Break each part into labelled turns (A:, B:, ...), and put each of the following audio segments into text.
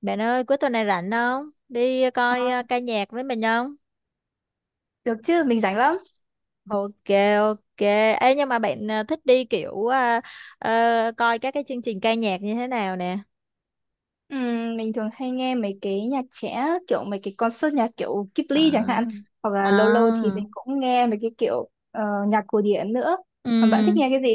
A: Bạn ơi, cuối tuần này rảnh không? Đi coi
B: Ờ,
A: ca nhạc với mình không?
B: Được chứ, mình rảnh lắm.
A: Ok, ok. Ê, nhưng mà bạn thích đi kiểu coi các cái chương trình ca nhạc như thế nào nè?
B: Mình thường hay nghe mấy cái nhạc trẻ, kiểu mấy cái concert nhạc kiểu Ghibli chẳng
A: À,
B: hạn. Hoặc là lâu lâu thì
A: à,
B: mình cũng nghe mấy cái kiểu nhạc cổ điển nữa.
A: ừ.
B: Mà bạn thích nghe cái gì?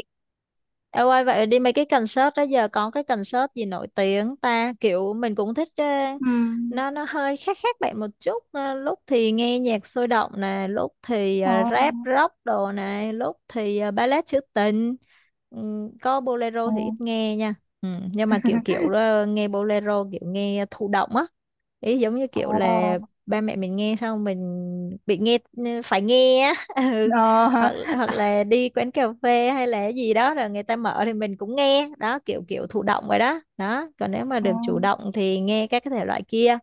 A: Em ơi, vậy đi mấy cái concert đó giờ có cái concert gì nổi tiếng ta, kiểu mình cũng thích,
B: Ừm.
A: nó hơi khác khác bạn một chút. Ờ, lúc thì nghe nhạc sôi động nè, lúc thì
B: Ờ,
A: rap rock đồ này, lúc thì ballad trữ tình. Có bolero
B: ờ,
A: thì ít nghe nha. Nhưng mà kiểu kiểu nghe bolero kiểu nghe thụ động á, ý giống như kiểu
B: ờ,
A: là ba mẹ mình nghe xong mình bị nghe, phải nghe á. Ừ.
B: ờ, hả?
A: hoặc hoặc là đi quán cà phê hay là gì đó rồi người ta mở thì mình cũng nghe đó, kiểu kiểu thụ động rồi đó đó, còn nếu mà
B: Ờ,
A: được chủ động thì nghe các cái thể loại kia.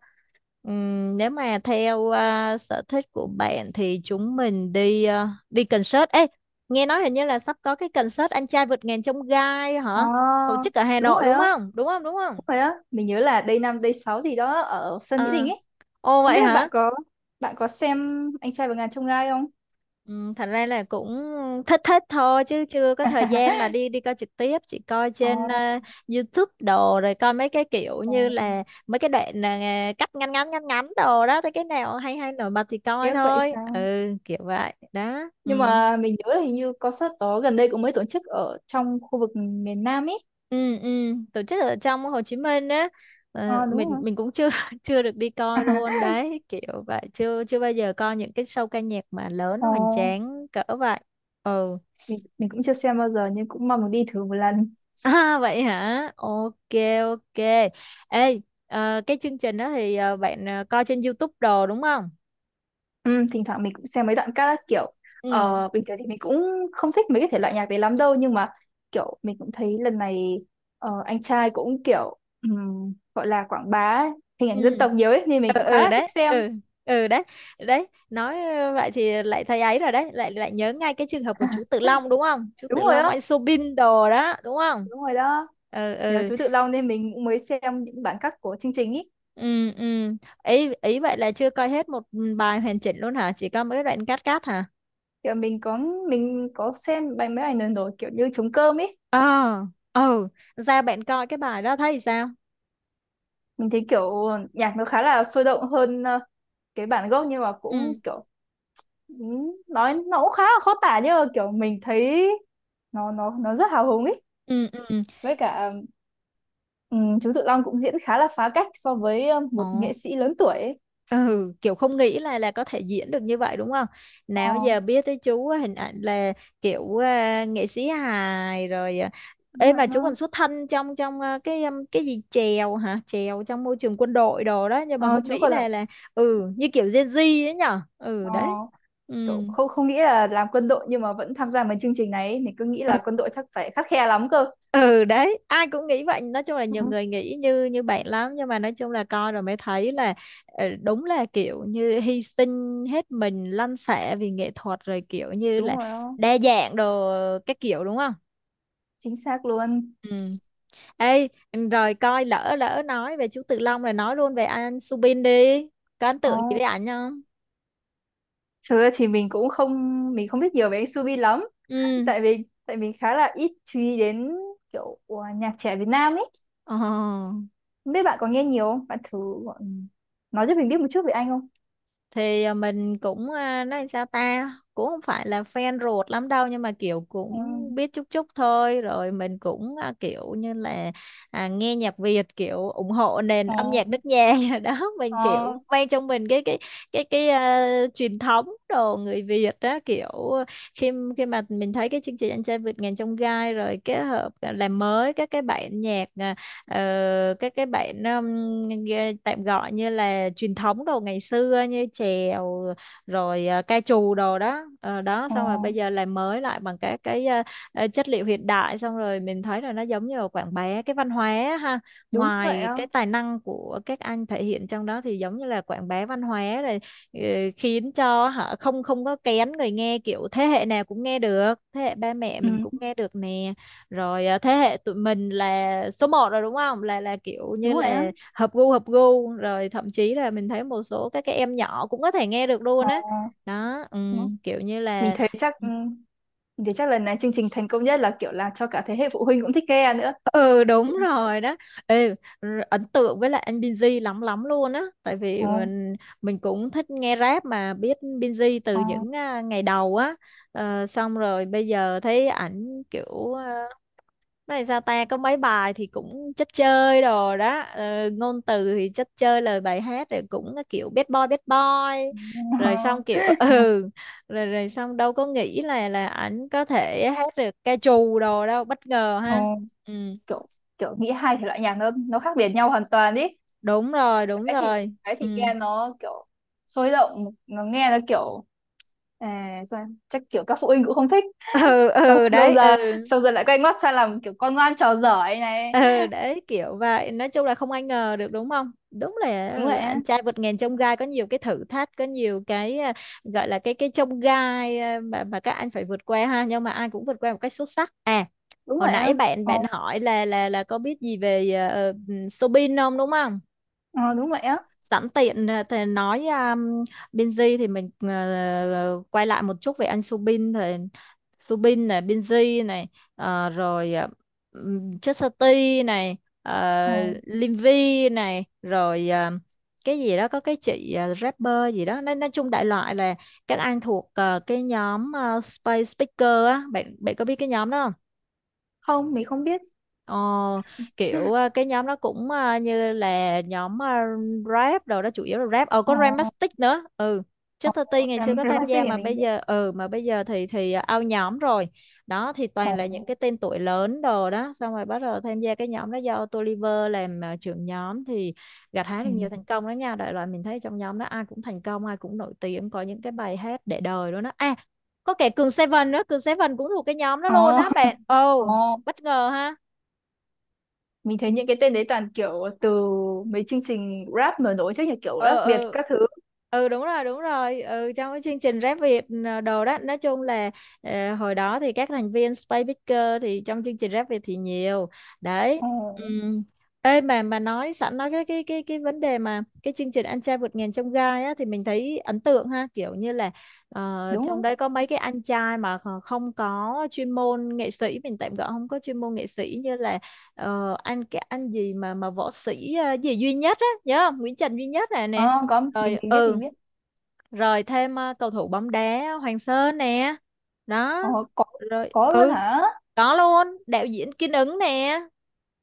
A: Nếu mà theo sở thích của bạn thì chúng mình đi đi concert ấy. Nghe nói hình như là sắp có cái concert Anh Trai Vượt Ngàn Chông Gai
B: ờ,
A: hả, tổ chức ở Hà
B: đúng
A: Nội,
B: rồi
A: đúng
B: á,
A: không, đúng không, đúng không?
B: đúng rồi á. Mình nhớ là Day 5 Day 6 gì đó ở sân Mỹ
A: À,
B: Đình ấy.
A: ồ
B: Không
A: vậy
B: biết bạn
A: hả?
B: có bạn có xem Anh trai và ngàn chông gai không?
A: Ừ, thật ra là cũng thích thích thôi chứ chưa có thời gian mà đi đi coi trực tiếp, chỉ coi
B: Ờ,
A: trên YouTube đồ, rồi coi mấy cái kiểu
B: ờ,
A: như là mấy cái đoạn cắt ngắn ngắn ngắn ngắn đồ đó, thấy cái nào hay hay nổi bật thì coi
B: tiếc vậy
A: thôi.
B: sao?
A: Ừ, kiểu vậy đó. Ừ
B: Nhưng mà mình nhớ là hình như concert đó gần đây cũng mới tổ chức ở trong khu vực miền Nam ấy.
A: ừ ừ, tổ chức ở trong Hồ Chí Minh á. Ờ,
B: Ờ đúng
A: mình
B: rồi.
A: mình cũng chưa chưa được đi coi luôn đấy, kiểu vậy chưa, chưa bao giờ coi những cái show ca nhạc mà lớn
B: Ờ,
A: hoành tráng cỡ vậy. Ừ.
B: mình cũng chưa xem bao giờ nhưng cũng mong được đi thử một lần.
A: À, vậy hả? Ok, ok. Ê, cái chương trình đó thì bạn coi trên YouTube đồ đúng không?
B: Ừ, thỉnh thoảng mình cũng xem mấy đoạn các kiểu.
A: Ừ,
B: Bình thường thì mình cũng không thích mấy cái thể loại nhạc đấy lắm đâu, nhưng mà kiểu mình cũng thấy lần này anh trai cũng kiểu gọi là quảng bá hình ảnh dân
A: ừ.
B: tộc nhiều ấy, nên mình
A: Ừ
B: cũng khá
A: ừ
B: là
A: đấy,
B: thích xem.
A: ừ ừ đấy. Đấy, nói vậy thì lại thấy ấy rồi đấy, lại lại nhớ ngay cái trường hợp của chú Tự Long đúng không? Chú Tự
B: Đúng rồi
A: Long, anh
B: đó,
A: Soobin đồ đó, đúng không?
B: đúng rồi đó.
A: Ừ
B: Nhờ
A: ừ.
B: chú Tự Long nên mình cũng mới xem những bản cắt của chương trình ý.
A: Ừ ừ. Ý ý vậy là chưa coi hết một bài hoàn chỉnh luôn hả? Chỉ có mấy đoạn cắt cắt hả?
B: Kiểu mình có xem bài mấy ảnh lần rồi, kiểu như trống cơm ấy.
A: Ờ, ừ, ra bạn coi cái bài đó thấy sao?
B: Mình thấy kiểu nhạc nó khá là sôi động hơn cái bản gốc, nhưng mà cũng
A: Ừ.
B: kiểu nói nó cũng khá là khó tả, nhưng mà kiểu mình thấy nó rất hào hùng ấy.
A: Ừ, ừ.
B: Với cả chú Tự Long cũng diễn khá là phá cách so với một
A: Ồ.
B: nghệ sĩ lớn tuổi ấy.
A: Ừ, kiểu không nghĩ là có thể diễn được như vậy đúng không?
B: Ờ,
A: Nào giờ biết tới chú á, hình ảnh là kiểu nghệ sĩ hài rồi à.
B: đúng
A: Ê,
B: rồi,
A: mà chú còn
B: nó
A: xuất thân trong trong cái gì chèo hả? Chèo trong môi trường quân đội đồ đó, nhưng mà
B: ờ,
A: không
B: chú
A: nghĩ
B: còn là
A: là ừ như kiểu Gen Z ấy nhở? Ừ
B: ờ,
A: đấy. Ừ.
B: kiểu không không nghĩ là làm quân đội nhưng mà vẫn tham gia mấy chương trình này ấy. Mình cứ nghĩ là quân đội chắc phải khắt khe lắm cơ.
A: Ừ đấy, ai cũng nghĩ vậy, nói chung là
B: Ừ,
A: nhiều người nghĩ như như bạn lắm, nhưng mà nói chung là coi rồi mới thấy là đúng là kiểu như hy sinh hết mình, lăn xẻ vì nghệ thuật rồi, kiểu như là
B: đúng rồi á.
A: đa dạng đồ các kiểu đúng không.
B: Chính xác luôn.
A: Ừ. Ê, rồi coi lỡ lỡ nói về chú Tự Long rồi, nói luôn về anh Subin đi, có ấn tượng gì
B: Oh,
A: với ảnh không?
B: thực ra thì mình cũng không, mình không biết nhiều về anh Subi lắm,
A: Ừ.
B: tại vì tại mình khá là ít chú ý đến kiểu nhạc trẻ Việt Nam ấy.
A: Ồ.
B: Không biết bạn có nghe nhiều không, bạn thử gọi- nói cho mình biết một chút về anh không.
A: Thì mình cũng nói sao ta, cũng không phải là fan ruột lắm đâu, nhưng mà kiểu
B: Ừ.
A: cũng biết chút chút thôi, rồi mình cũng kiểu như là nghe nhạc Việt kiểu ủng hộ nền
B: Ờ
A: âm nhạc nước nhà đó, mình
B: ờ
A: kiểu mang trong mình cái truyền thống đồ người Việt đó, kiểu khi khi mà mình thấy cái chương trình Anh Trai Vượt Ngàn Chông Gai rồi kết hợp làm mới các cái bản nhạc ờ, cái bạn nghe- tạm gọi như là truyền thống đồ ngày xưa như chèo rồi ca trù đồ đó. Ờ, đó
B: ờ
A: xong rồi bây giờ làm mới lại bằng các cái chất liệu hiện đại, xong rồi mình thấy là nó giống như là quảng bá cái văn hóa á ha,
B: đúng vậy
A: ngoài
B: á.
A: cái tài năng của các anh thể hiện trong đó thì giống như là quảng bá văn hóa rồi ờ, khiến cho họ không, không có kén người nghe, kiểu thế hệ nào cũng nghe được, thế hệ ba mẹ
B: Ừ.
A: mình cũng nghe được nè, rồi thế hệ tụi mình là số một rồi đúng không, là là kiểu như
B: Đúng vậy á.
A: là hợp gu rồi, thậm chí là mình thấy một số các cái em nhỏ cũng có thể nghe được luôn
B: Ờ
A: á. Đó. Ừ,
B: đúng.
A: kiểu như
B: Mình
A: là
B: thấy chắc ừ, mình thấy chắc lần này chương trình thành công nhất là kiểu là cho cả thế hệ phụ huynh cũng thích nghe nữa.
A: ừ đúng
B: Ờ
A: rồi đó. Ê, r- ấn tượng với lại anh Binz lắm lắm luôn á, tại vì mình cũng thích nghe rap, mà biết Binz từ
B: ờ
A: những ngày đầu á. Ờ, xong rồi bây giờ thấy ảnh kiểu này sao ta, có mấy bài thì cũng chất chơi đồ đó, ngôn từ thì chất chơi, lời bài hát rồi cũng kiểu bad boy bad boy, rồi xong
B: ờ
A: kiểu ừ, rồi rồi xong đâu có nghĩ là ảnh có thể hát được ca trù đồ đâu, bất ngờ
B: ờ.
A: ha. Ừ,
B: Kiểu kiểu nghĩ hai thể loại nhạc nó khác biệt nhau hoàn toàn ý.
A: đúng rồi, đúng
B: cái thì
A: rồi.
B: cái
A: Ừ.
B: thì nghe nó kiểu sôi động, nó nghe nó kiểu à, chắc kiểu các phụ huynh cũng không thích.
A: Ừ
B: xong
A: ừ
B: xong
A: đấy, ừ
B: giờ xong giờ lại quay ngoắt sang làm kiểu con ngoan trò giỏi ấy này.
A: ừ đấy, kiểu vậy, nói chung là không ai ngờ được đúng không, đúng là
B: Đúng
A: ừ,
B: vậy
A: Anh
B: á,
A: Trai Vượt Ngàn Chông Gai có nhiều cái thử thách, có nhiều cái gọi là cái chông gai mà các anh phải vượt qua ha, nhưng mà ai cũng vượt qua một cách xuất sắc à.
B: đúng
A: Hồi
B: vậy á.
A: nãy bạn
B: Ờ,
A: bạn hỏi là là có biết gì về Soobin không đúng không?
B: ờ, đúng vậy á.
A: Sẵn tiện thì nói Binz thì mình quay lại một chút về anh Subin thì Subin này, Binz này, à, rồi à, Chất Sơ Ti này,
B: Ờ.
A: Lim này, rồi cái gì đó có cái chị rapper gì đó, nói chung đại loại là các anh thuộc cái nhóm Space Speaker á, bạn bạn có biết cái nhóm đó không?
B: Không, mình không biết.
A: Ờ,
B: Ờ,
A: kiểu cái nhóm đó cũng như là nhóm rap đồ đó, chủ yếu là rap, ờ
B: ờ,
A: có Ramastic nữa. Ừ, trước 30 ngày xưa
B: làm
A: có
B: làm
A: tham gia,
B: thì
A: mà
B: mình
A: bây
B: biết.
A: giờ ừ mà bây giờ thì out nhóm rồi. Đó thì
B: Ờ,
A: toàn là những cái tên tuổi lớn đồ đó, xong rồi bắt đầu tham gia cái nhóm đó do Toliver làm trưởng nhóm thì gặt hái được
B: ừ.
A: nhiều thành công đó nha, đại loại mình thấy trong nhóm đó ai cũng thành công, ai cũng nổi tiếng, có những cái bài hát để đời luôn đó à, có kẻ Cường Seven nữa, Cường Seven cũng thuộc cái nhóm đó luôn
B: Ờ,
A: á bạn.
B: ờ.
A: Ồ, bất ngờ ha.
B: Mình thấy những cái tên đấy toàn kiểu từ mấy chương trình rap nổi nổi chứ, như kiểu
A: Ừ
B: rap Việt
A: ừ
B: các thứ.
A: ừ, đúng rồi đúng rồi. Ừ, trong cái chương trình Rap Việt đồ đó, nói chung là hồi đó thì các thành viên Space Picker thì trong chương trình Rap Việt thì nhiều. Đấy.
B: Ờ
A: Ừm. Ê, mà nói sẵn nói cái vấn đề mà cái chương trình Anh Trai Vượt Ngàn Chông Gai á thì mình thấy ấn tượng ha, kiểu như là
B: đúng
A: trong
B: không.
A: đấy có mấy cái anh trai mà kh- không có chuyên môn nghệ sĩ, mình tạm gọi không có chuyên môn nghệ sĩ, như là Ờ, anh cái anh gì mà võ sĩ gì Duy Nhất á, nhớ không, Nguyễn Trần Duy Nhất này nè,
B: Ờ có, mình
A: rồi
B: mình biết,
A: ừ
B: mình biết.
A: rồi thêm cầu thủ bóng đá Hoàng Sơn nè, đó
B: Ờ. có
A: rồi
B: có luôn
A: ừ
B: hả.
A: có luôn đạo diễn Kiên Ứng nè,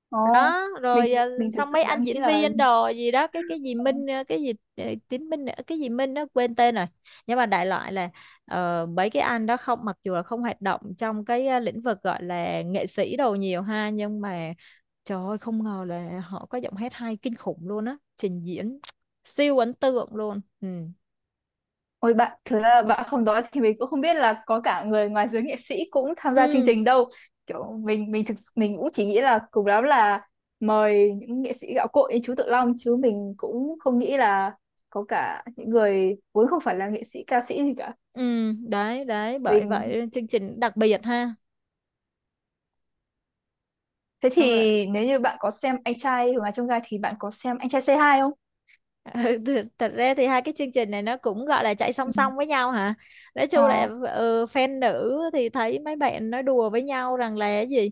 B: Ờ,
A: đó
B: mình
A: rồi
B: mình thực
A: xong
B: sự
A: mấy
B: đã
A: anh
B: nghĩ
A: diễn
B: là
A: viên đồ gì đó, cái gì
B: ờ,
A: Minh cái gì Tiến Minh cái gì Minh nó quên tên rồi, nhưng mà đại loại là mấy cái anh đó, không mặc dù là không hoạt động trong cái lĩnh vực gọi là nghệ sĩ đồ nhiều ha, nhưng mà trời ơi, không ngờ là họ có giọng hát hay kinh khủng luôn á, trình diễn siêu ấn tượng luôn. Ừ
B: ôi bạn thứ là bạn không nói thì mình cũng không biết là có cả người ngoài giới nghệ sĩ cũng tham gia chương
A: ừ
B: trình đâu. Kiểu mình thực mình cũng chỉ nghĩ là cùng lắm là mời những nghệ sĩ gạo cội như chú Tự Long, chứ mình cũng không nghĩ là có cả những người vốn không phải là nghệ sĩ ca sĩ gì cả.
A: ừ đấy đấy, bởi
B: Mình
A: vậy chương trình đặc biệt ha.
B: thế
A: Xong rồi.
B: thì nếu như bạn có xem anh trai Hùng Hà Trong Gai thì bạn có xem anh trai C2 không.
A: Ừ, th- thật ra thì hai cái chương trình này nó cũng gọi là chạy song
B: Ừ.
A: song với nhau hả, nói
B: Ờ.
A: chung là ừ, fan nữ thì thấy mấy bạn nói đùa với nhau rằng là cái gì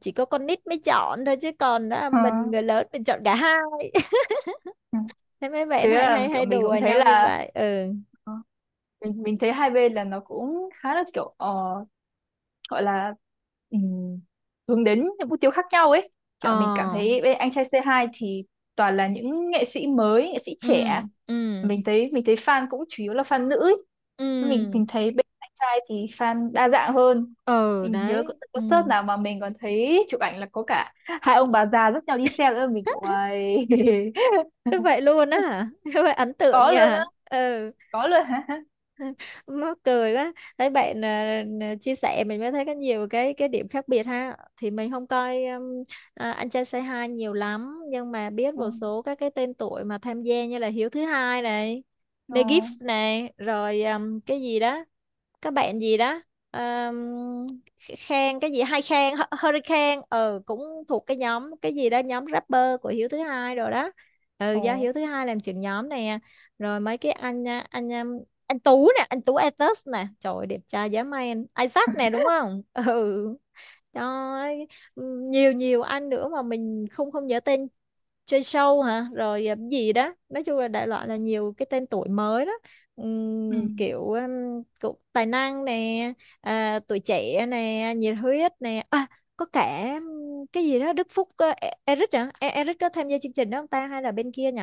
A: chỉ có con nít mới chọn thôi chứ, còn đó
B: Ờ,
A: mình người lớn mình chọn cả hai.
B: ừ.
A: Thế mấy bạn
B: Thế
A: hay hay
B: là kiểu
A: hay
B: mình
A: đùa
B: cũng thấy
A: nhau như
B: là
A: vậy. Ừ
B: ờ, mình thấy hai bên là nó cũng khá là kiểu ờ, gọi là ừm, hướng đến những mục tiêu khác nhau ấy.
A: ờ
B: Kiểu mình cảm thấy bên anh trai c hai thì toàn là những nghệ sĩ mới, nghệ sĩ
A: ừ
B: trẻ.
A: ừ
B: Mình thấy fan cũng chủ yếu là fan nữ ấy. Mình
A: ừ
B: thấy bên anh trai thì fan đa dạng hơn.
A: ừ
B: Mình nhớ có
A: đấy ừ.
B: concert nào mà mình còn thấy chụp ảnh là có cả hai ông bà già dắt nhau đi xe nữa, mình kiểu "Uầy."
A: Thế vậy luôn á hả? Thế vậy ấn tượng
B: Có
A: nhỉ?
B: luôn á.
A: Ừ.
B: Có luôn hả.
A: Mắc cười quá. Thấy bạn chia sẻ mình mới thấy có nhiều cái điểm khác biệt ha. Thì mình không coi anh trai Say Hi nhiều lắm, nhưng mà biết
B: Ờ
A: một số các cái tên tuổi mà tham gia như là Hiếu thứ hai này,
B: ờ
A: Negif này, rồi cái gì đó, các bạn gì đó, um, Khang cái gì hai khen Hurricane, ừ, cũng thuộc cái nhóm cái gì đó, nhóm rapper của Hiếu thứ hai rồi đó. Ừ,
B: ờ.
A: do Hiếu thứ hai làm trưởng nhóm nè. Rồi mấy cái anh Tú nè, anh Tú Atos nè, trời ơi, đẹp trai dã man, Isaac nè, đúng không? Ừ. Trời ơi, nhiều nhiều anh nữa mà mình không không nhớ tên, chơi show hả, rồi gì đó, nói chung là đại loại là nhiều cái tên tuổi mới đó.
B: Ừ.
A: Kiểu cũng tài năng nè, tuổi trẻ nè, nhiệt huyết nè, có cả cái gì đó Đức Phúc, Eric hả? Eric có tham gia chương trình đó không ta, hay là bên kia nhỉ?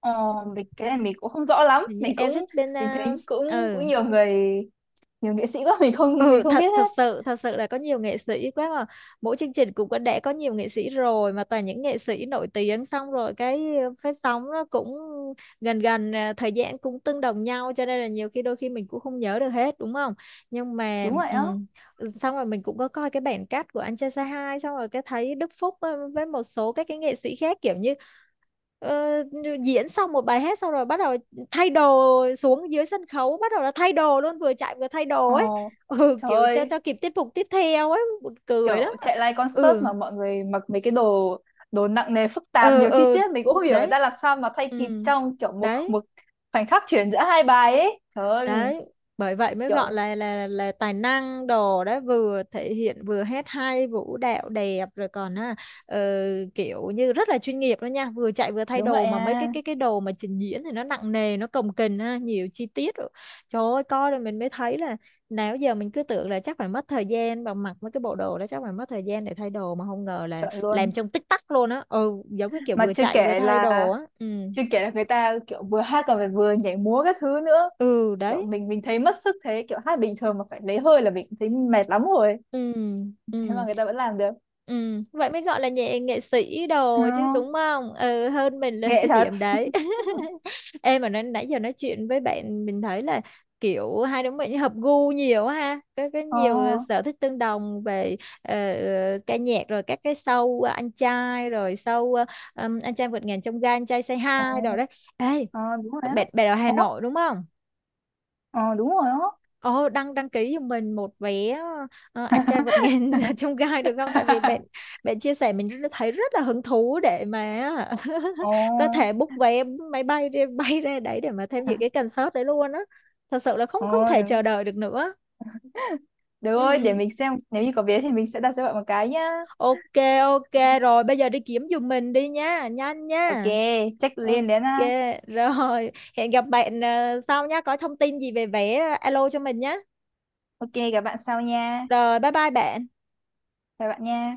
B: Ờ, mình cái này mình cũng không rõ lắm,
A: Hình như
B: mình
A: Eric
B: cũng
A: bên
B: mình thấy
A: uh,
B: cũng
A: ừ.
B: cũng nhiều người, nhiều nghệ sĩ quá, mình không mình
A: ừ
B: không biết
A: thật thật
B: hết.
A: sự thật sự là có nhiều nghệ sĩ quá mà. Mỗi chương trình cũng đã có nhiều nghệ sĩ rồi, mà toàn những nghệ sĩ nổi tiếng, xong rồi cái phát sóng nó cũng gần gần, thời gian cũng tương đồng nhau, cho nên là nhiều khi đôi khi mình cũng không nhớ được hết, đúng không? Nhưng mà
B: Đúng vậy á.
A: ừ, xong rồi mình cũng có coi cái bản cắt của anh trai say hi, xong rồi cái thấy Đức Phúc với một số các cái nghệ sĩ khác, kiểu như ờ, diễn xong một bài hát xong rồi bắt đầu thay đồ, xuống dưới sân khấu bắt đầu là thay đồ luôn, vừa chạy vừa thay đồ
B: Ờ
A: ấy. Ừ,
B: trời
A: kiểu cho
B: ơi,
A: cho kịp tiết mục tiếp theo ấy, buồn cười lắm.
B: kiểu chạy live concert
A: Ừ
B: mà mọi người mặc mấy cái đồ, đồ nặng nề phức tạp
A: ừ
B: nhiều chi tiết, mình cũng không hiểu người
A: đấy
B: ta làm sao mà thay
A: ừ
B: kịp trong kiểu một
A: đấy
B: một khoảnh khắc chuyển giữa hai bài ấy, trời ơi mình
A: đấy, bởi vậy mới gọi
B: kiểu
A: là là tài năng đồ đấy, vừa thể hiện vừa hát hay vũ đạo đẹp, rồi còn ờ, kiểu như rất là chuyên nghiệp đó nha, vừa chạy vừa thay
B: đúng vậy
A: đồ mà mấy cái
B: à
A: cái cái đồ mà trình diễn thì nó nặng nề, nó cồng kềnh ha, nhiều chi tiết rồi. Trời ơi, coi rồi mình mới thấy là nào giờ mình cứ tưởng là chắc phải mất thời gian, và mặc mấy cái bộ đồ đó chắc phải mất thời gian để thay đồ, mà không ngờ là
B: chọn luôn.
A: làm trong tích tắc luôn á. Ừ, giống cái kiểu
B: Mà
A: vừa
B: chưa
A: chạy vừa
B: kể
A: thay
B: là
A: đồ á. Ừ
B: chưa kể là người ta kiểu vừa hát còn phải vừa nhảy múa các thứ nữa.
A: ừ
B: Kiểu
A: đấy
B: mình thấy mất sức thế, kiểu hát bình thường mà phải lấy hơi là mình cũng thấy mệt lắm rồi,
A: ừ
B: thế
A: ừ
B: mà người ta vẫn làm được.
A: ừ, vậy mới gọi là nghệ nghệ sĩ
B: Ờ,
A: đồ chứ, đúng không? Ừ, hơn mình là
B: nghệ
A: cái
B: thật.
A: điểm đấy. Em mà nói, nãy giờ nói chuyện với bạn mình thấy là kiểu hai đứa mình hợp gu nhiều ha, có
B: Ờ,
A: nhiều sở thích tương đồng về ờ, ca nhạc, rồi các cái show anh trai, rồi show anh trai vượt ngàn chông gai, anh trai say
B: ờ,
A: hi đồ đấy. Ê,
B: ờ, đúng rồi á.
A: bạn bạn ở Hà
B: Ủa,
A: Nội đúng không?
B: ờ, đúng rồi á.
A: Ồ, đăng đăng ký cho mình một vé anh trai vượt ngàn chông gai được không? Tại vì bạn bạn chia sẻ mình thấy rất là hứng thú để mà
B: Ờ,
A: có thể book vé máy bay đi bay ra đấy để mà tham dự cái concert đấy luôn á. Thật sự là không không
B: ờ,
A: thể chờ đợi được nữa.
B: được rồi, để
A: Ừ.
B: mình xem nếu như có vé thì mình sẽ đặt cho bạn một cái nhá.
A: Ok ok, rồi bây giờ đi kiếm giùm mình đi nha, nhanh
B: Ok,
A: nha.
B: check
A: Ok
B: liền đến ha.
A: rồi, hẹn gặp bạn sau nha, có thông tin gì về vé alo cho mình nhé.
B: Ok, gặp bạn sau nha.
A: Rồi bye bye bạn.
B: Chào bạn nha.